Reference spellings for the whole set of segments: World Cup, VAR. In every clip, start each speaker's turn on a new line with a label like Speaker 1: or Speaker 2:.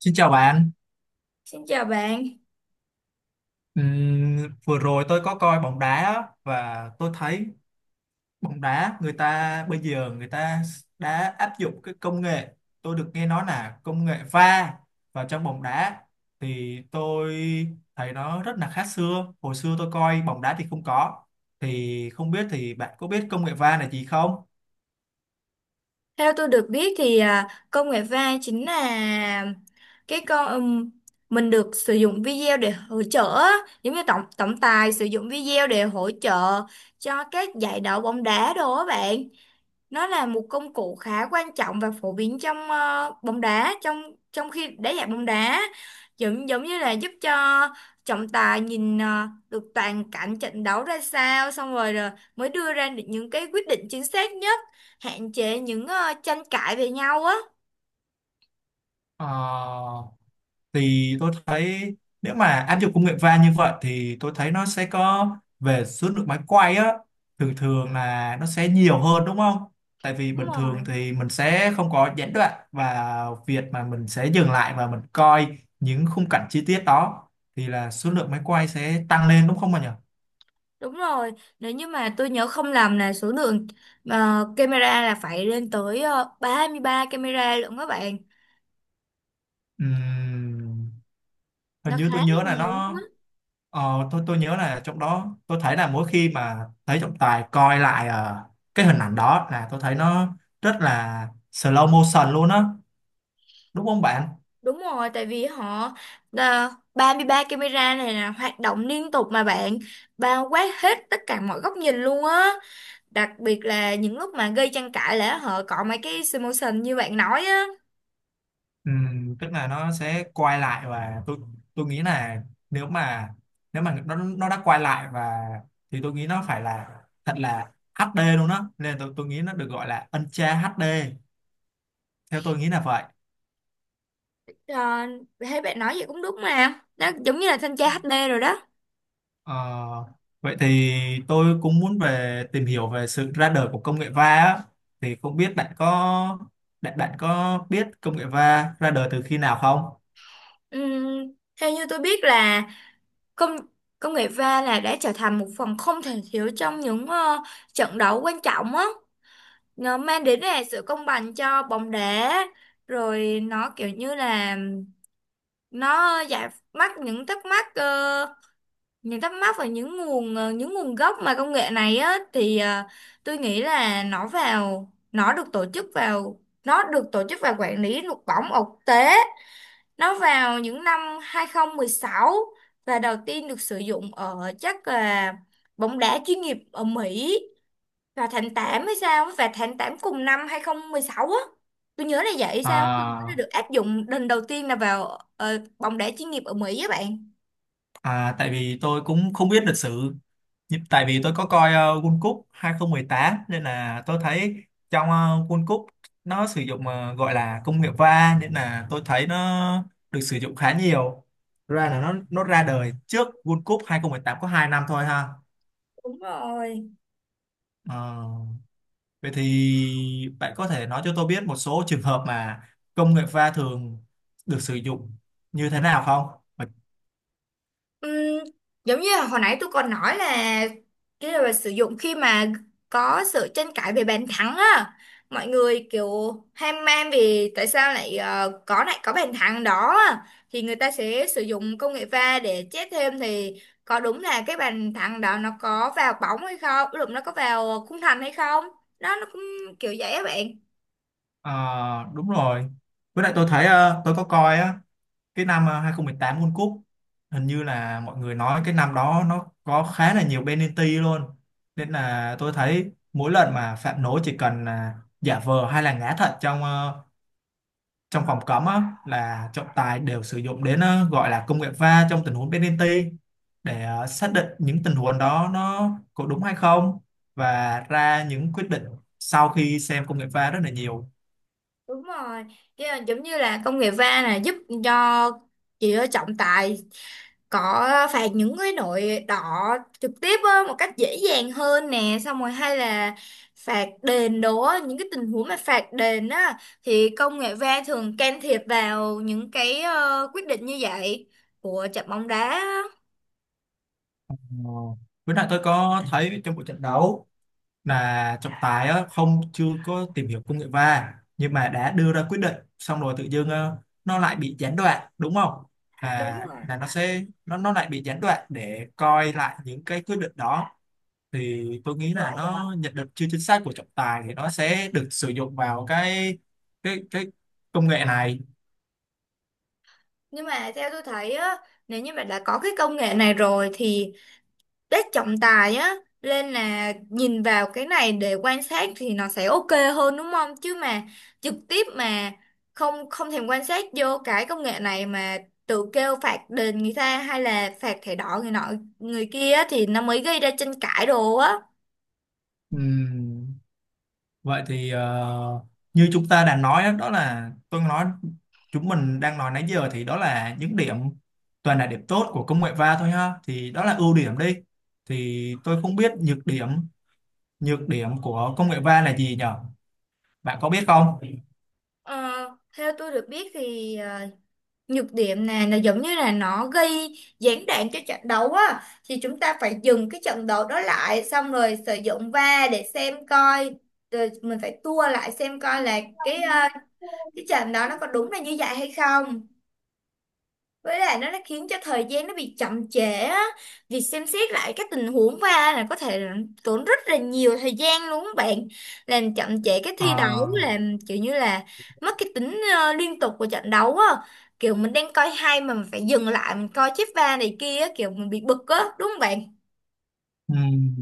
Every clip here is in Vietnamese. Speaker 1: Xin chào bạn.
Speaker 2: Xin chào bạn.
Speaker 1: Ừm, Vừa rồi tôi có coi bóng đá á, và tôi thấy bóng đá người ta bây giờ người ta đã áp dụng cái công nghệ, tôi được nghe nói là công nghệ VAR vào trong bóng đá, thì tôi thấy nó rất là khác xưa. Hồi xưa tôi coi bóng đá thì không có. Không biết bạn có biết công nghệ VAR là gì không?
Speaker 2: Theo tôi được biết thì công nghệ va chính là cái con mình được sử dụng video để hỗ trợ á. Giống như tổng tổng tài sử dụng video để hỗ trợ cho các giải đấu bóng đá đồ á bạn. Nó là một công cụ khá quan trọng và phổ biến trong bóng đá trong trong khi đá dạng bóng đá, giống giống như là giúp cho trọng tài nhìn được toàn cảnh trận đấu ra sao, xong rồi, rồi mới đưa ra được những cái quyết định chính xác nhất, hạn chế những tranh cãi về nhau á.
Speaker 1: Ờ, thì tôi thấy nếu mà áp dụng công nghệ va như vậy thì tôi thấy nó sẽ có, về số lượng máy quay á, thường thường là nó sẽ nhiều hơn đúng không? Tại vì
Speaker 2: Đúng
Speaker 1: bình
Speaker 2: rồi.
Speaker 1: thường thì mình sẽ không có gián đoạn, và việc mà mình sẽ dừng lại và mình coi những khung cảnh chi tiết đó thì là số lượng máy quay sẽ tăng lên đúng không mà nhỉ?
Speaker 2: Đúng rồi, nếu như mà tôi nhớ không lầm là số lượng camera là phải lên tới 33 camera luôn các bạn.
Speaker 1: Ừm, Hình
Speaker 2: Nó
Speaker 1: như
Speaker 2: khá
Speaker 1: tôi
Speaker 2: là
Speaker 1: nhớ là
Speaker 2: nhiều.
Speaker 1: nó... Ờ, tôi nhớ là trong đó tôi thấy là mỗi khi mà thấy trọng tài coi lại cái hình ảnh đó là tôi thấy nó rất là slow motion luôn á, đúng không bạn?
Speaker 2: Đúng rồi, tại vì họ, à, 33 camera này là hoạt động liên tục mà bạn, bao quát hết tất cả mọi góc nhìn luôn á. Đặc biệt là những lúc mà gây tranh cãi là họ cọ mấy cái simulation như bạn nói á.
Speaker 1: Ừ, tức là nó sẽ quay lại, và tôi nghĩ là, nếu mà nếu mà nó đã quay lại, và thì tôi nghĩ nó phải là thật là HD luôn á, nên tôi nghĩ nó được gọi là Ultra HD, theo tôi nghĩ là vậy.
Speaker 2: À, thấy bạn nói vậy cũng đúng mà. Nó giống như là thanh tra HD rồi đó.
Speaker 1: Ờ, vậy thì tôi cũng muốn về tìm hiểu về sự ra đời của công nghệ va á. Thì không biết bạn có bạn bạn có biết công nghệ va ra đời từ khi nào không?
Speaker 2: Ừm, Theo như tôi biết là công công nghệ va là đã trở thành một phần không thể thiếu trong những trận đấu quan trọng á. Nó mang đến là sự công bằng cho bóng đá, rồi nó kiểu như là nó giải mắc những thắc mắc, những thắc mắc và những nguồn, những nguồn gốc mà công nghệ này á thì tôi nghĩ là nó được tổ chức và quản lý luật bóng ở quốc tế, nó vào những năm 2016, và đầu tiên được sử dụng ở chắc là bóng đá chuyên nghiệp ở Mỹ và tháng 8 hay sao á, và tháng 8 cùng năm 2016 á, tôi nhớ là vậy sao á, tôi nhớ là
Speaker 1: À,
Speaker 2: được áp dụng lần đầu tiên là vào bóng đá chuyên nghiệp ở Mỹ á bạn.
Speaker 1: à tại vì tôi cũng không biết lịch sử. Tại vì tôi có coi World Cup hai không một tám, nên là tôi thấy trong World Cup nó sử dụng gọi là công nghệ va, nên là tôi thấy nó được sử dụng khá nhiều. Ra là nó ra đời trước World Cup 2018 có 2 năm thôi ha.
Speaker 2: Đúng rồi.
Speaker 1: Ờ, vậy thì bạn có thể nói cho tôi biết một số trường hợp mà công nghệ pha thường được sử dụng như thế nào không?
Speaker 2: Ừm, Giống như là hồi nãy tôi còn nói là cái là sử dụng khi mà có sự tranh cãi về bàn thắng á, mọi người kiểu ham man vì tại sao lại có lại có bàn thắng đó á. Thì người ta sẽ sử dụng công nghệ va để chết thêm thì có đúng là cái bàn thắng đó nó có vào bóng hay không, lúc nó có vào khung thành hay không, đó nó cũng kiểu vậy á bạn.
Speaker 1: Ờ, đúng rồi. Với lại tôi thấy, tôi có coi á, cái năm 2018 World Cup, hình như là mọi người nói cái năm đó nó có khá là nhiều penalty luôn. Nên là tôi thấy mỗi lần mà phạm lỗi chỉ cần là giả vờ hay là ngã thật trong trong phòng cấm á, là trọng tài đều sử dụng đến, gọi là công nghệ va trong tình huống penalty, để xác định những tình huống đó nó có đúng hay không, và ra những quyết định sau khi xem công nghệ va rất là nhiều.
Speaker 2: Đúng rồi. Chứ là giống như là công nghệ va là giúp cho chỉ trọng tài có phạt những cái đội đỏ trực tiếp á, một cách dễ dàng hơn nè, xong rồi hay là phạt đền đồ á, những cái tình huống mà phạt đền á thì công nghệ VAR thường can thiệp vào những cái quyết định như vậy của trận bóng đá á.
Speaker 1: Ờ, với lại tôi có thấy trong buổi trận đấu là trọng tài á, không chưa có tìm hiểu công nghệ va nhưng mà đã đưa ra quyết định, xong rồi tự dưng nó lại bị gián đoạn đúng không?
Speaker 2: Đúng
Speaker 1: À,
Speaker 2: rồi.
Speaker 1: là nó sẽ nó lại bị gián đoạn để coi lại những cái quyết định đó, thì tôi nghĩ là nó nhận định chưa chính xác của trọng tài thì nó sẽ được sử dụng vào cái công nghệ này.
Speaker 2: Nhưng mà theo tôi thấy á, nếu như mà đã có cái công nghệ này rồi thì đất trọng tài á nên là nhìn vào cái này để quan sát thì nó sẽ ok hơn đúng không, chứ mà trực tiếp mà không không thèm quan sát vô cái công nghệ này mà tự kêu phạt đền người ta hay là phạt thẻ đỏ người nọ người kia á, thì nó mới gây ra tranh cãi đồ á.
Speaker 1: Ừm, Vậy thì, ờ, như chúng ta đã nói đó, đó là tôi nói chúng mình đang nói nãy giờ thì đó là những điểm, toàn là điểm tốt của công nghệ va thôi ha, thì đó là ưu điểm đi, thì tôi không biết nhược điểm của công nghệ va là gì nhở, bạn có biết không?
Speaker 2: Ờ, theo tôi được biết thì nhược điểm này là giống như là nó gây gián đoạn cho trận đấu á, thì chúng ta phải dừng cái trận đấu đó lại xong rồi sử dụng VAR để xem coi, rồi mình phải tua lại xem coi là cái cái trận đó nó có đúng là như vậy hay không. Với lại nó khiến cho thời gian nó bị chậm trễ á, việc xem xét lại các tình huống va là có thể là tốn rất là nhiều thời gian luôn các bạn, làm chậm trễ cái thi đấu,
Speaker 1: Ờ,
Speaker 2: làm kiểu như là mất cái tính liên tục của trận đấu á, kiểu mình đang coi hay mà mình phải dừng lại mình coi chip va này kia á, kiểu mình bị bực á đúng không bạn.
Speaker 1: ừm,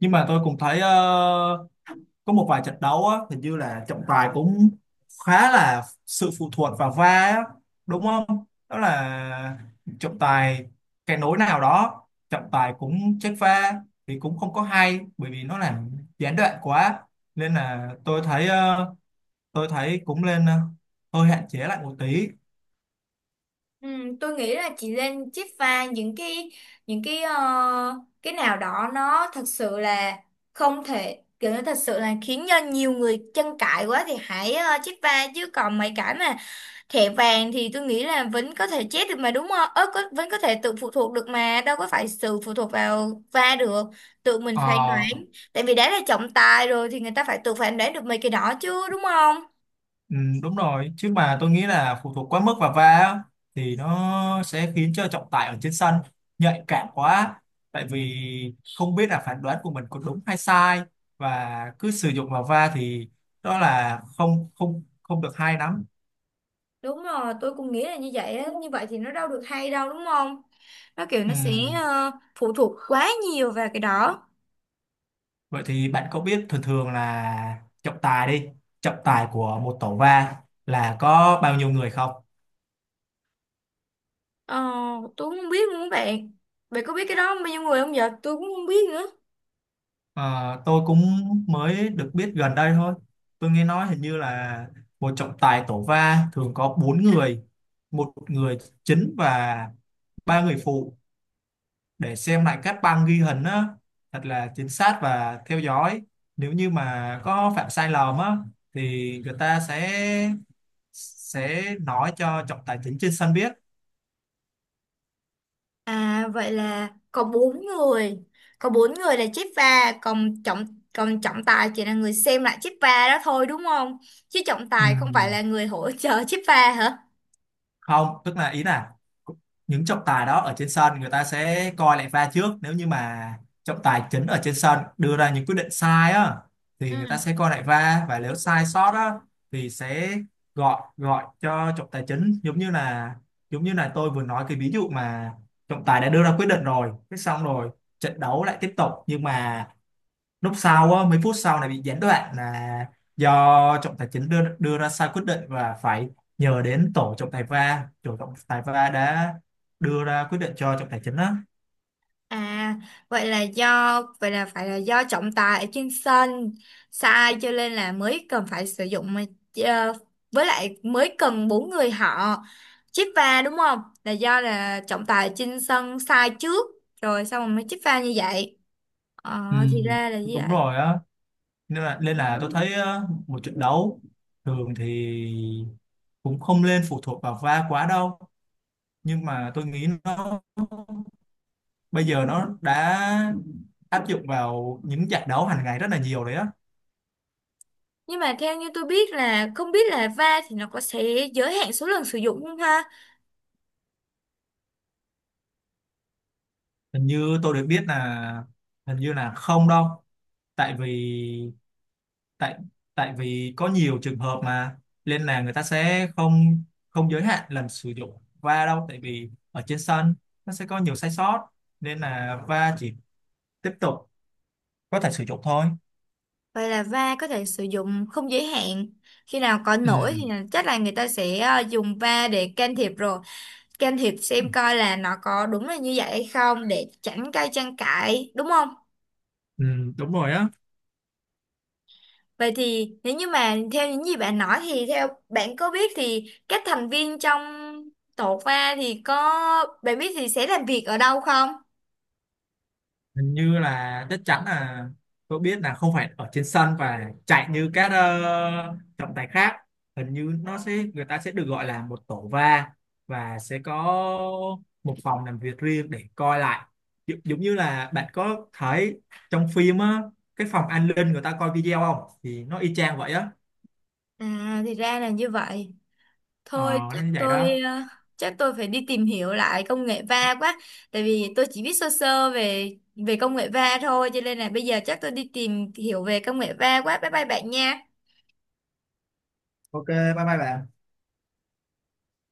Speaker 1: nhưng mà tôi cũng thấy, có một vài trận đấu á, hình như là trọng tài cũng khá là sự phụ thuộc vào VAR á, đúng không? Đó là trọng tài, cái nối nào đó, trọng tài cũng check VAR, thì cũng không có hay bởi vì nó làm gián đoạn quá, nên là tôi thấy tôi thấy cũng nên hơi hạn chế lại một tí.
Speaker 2: Ừ, tôi nghĩ là chị lên chiết pha những cái, những cái ờ, cái nào đó nó thật sự là không thể, kiểu nó thật sự là khiến cho nhiều người tranh cãi quá thì hãy chiết pha, chứ còn mấy cái mà thẻ vàng thì tôi nghĩ là vẫn có thể chết được mà đúng không? Ớ, có, vẫn có thể tự phụ thuộc được mà, đâu có phải sự phụ thuộc vào va được, tự mình phán
Speaker 1: Ờ,
Speaker 2: đoán. Tại vì đã là trọng tài rồi thì người ta phải tự phán đoán được mấy cái đó chứ đúng không?
Speaker 1: ừ, đúng rồi, chứ mà tôi nghĩ là phụ thuộc quá mức vào va á, thì nó sẽ khiến cho trọng tài ở trên sân nhạy cảm quá, tại vì không biết là phán đoán của mình có đúng hay sai, và cứ sử dụng vào va thì đó là không không không được hay lắm.
Speaker 2: Đúng rồi, tôi cũng nghĩ là như vậy á, như vậy thì nó đâu được hay đâu đúng không? Nó kiểu
Speaker 1: Ừ.
Speaker 2: nó sẽ phụ thuộc quá nhiều vào cái đó.
Speaker 1: Vậy thì bạn có biết thường thường là trọng tài của một tổ va là có bao nhiêu người không?
Speaker 2: Ờ, tôi cũng không biết luôn các bạn, bạn có biết cái đó bao nhiêu người không vậy, tôi cũng không biết nữa.
Speaker 1: À, tôi cũng mới được biết gần đây thôi. Tôi nghe nói hình như là một trọng tài tổ va thường có bốn người, một người chính và ba người phụ, để xem lại các băng ghi hình á, thật là chính xác và theo dõi. Nếu như mà có phạm sai lầm á, thì người ta sẽ nói cho trọng tài chính trên sân biết.
Speaker 2: À vậy là có bốn người, là chép va, còn trọng tài chỉ là người xem lại chép va đó thôi đúng không, chứ trọng
Speaker 1: Ừ,
Speaker 2: tài không phải là người hỗ trợ chép va hả?
Speaker 1: không, tức là ý là những trọng tài đó ở trên sân người ta sẽ coi lại va trước, nếu như mà trọng tài chính ở trên sân đưa ra những quyết định sai á,
Speaker 2: Ừ.
Speaker 1: thì người ta sẽ coi lại va, và nếu sai sót á thì sẽ gọi gọi cho trọng tài chính, giống như là, giống như là tôi vừa nói cái ví dụ mà trọng tài đã đưa ra quyết định rồi, cái xong rồi trận đấu lại tiếp tục, nhưng mà lúc sau á, mấy phút sau này bị gián đoạn là do trọng tài chính đưa đưa ra sai quyết định, và phải nhờ đến tổ trọng tài VAR, tổ trọng tài VAR đã đưa ra quyết định cho trọng tài chính á.
Speaker 2: À, vậy là phải là do trọng tài ở trên sân sai, cho nên là mới cần phải sử dụng mà, ờ, với lại mới cần bốn người họ chích pha đúng không? Là do là trọng tài ở trên sân sai trước rồi, xong rồi mới chích pha như vậy. Ờ,
Speaker 1: Ừ,
Speaker 2: thì ra là như
Speaker 1: đúng
Speaker 2: vậy.
Speaker 1: rồi á. Nên là tôi thấy á, một trận đấu thường thì cũng không nên phụ thuộc vào VAR quá đâu, nhưng mà tôi nghĩ nó bây giờ nó đã áp dụng vào những trận đấu hàng ngày rất là nhiều đấy á.
Speaker 2: Nhưng mà theo như tôi biết là, không biết là va thì nó có sẽ giới hạn số lần sử dụng không ha?
Speaker 1: Hình như tôi được biết là hình như là không đâu, tại vì, tại, tại vì có nhiều trường hợp mà, nên là người ta sẽ không không giới hạn lần sử dụng va đâu, tại vì ở trên sân nó sẽ có nhiều sai sót, nên là va chỉ tiếp tục có thể sử dụng thôi.
Speaker 2: Vậy là va có thể sử dụng không giới hạn, khi nào có
Speaker 1: Ừ,
Speaker 2: lỗi thì là- chắc là người ta sẽ dùng va để can thiệp rồi, can thiệp xem coi là nó có đúng là như vậy hay không để tránh gây tranh cãi đúng không?
Speaker 1: ừ, đúng rồi á.
Speaker 2: Vậy thì nếu như mà theo những gì bạn nói thì theo bạn có biết thì các thành viên trong tổ pha thì có, bạn biết thì sẽ làm việc ở đâu không?
Speaker 1: Hình như là chắc chắn là tôi biết là không phải ở trên sân và chạy như các trọng tài khác, hình như nó sẽ, người ta sẽ được gọi là một tổ va, và sẽ có một phòng làm việc riêng để coi lại, giống giống như là bạn có thấy trong phim á, cái phòng an ninh người ta coi video không, thì nó y chang vậy á.
Speaker 2: À thì ra là như vậy.
Speaker 1: Ờ,
Speaker 2: Thôi
Speaker 1: nó
Speaker 2: chắc
Speaker 1: như vậy
Speaker 2: tôi
Speaker 1: đó.
Speaker 2: chắc tôi phải đi tìm hiểu lại công nghệ va quá, tại vì tôi chỉ biết sơ sơ về về công nghệ va thôi, cho nên là bây giờ chắc tôi đi tìm hiểu về công nghệ va quá. Bye bye bạn nha.
Speaker 1: OK, bye bye bạn.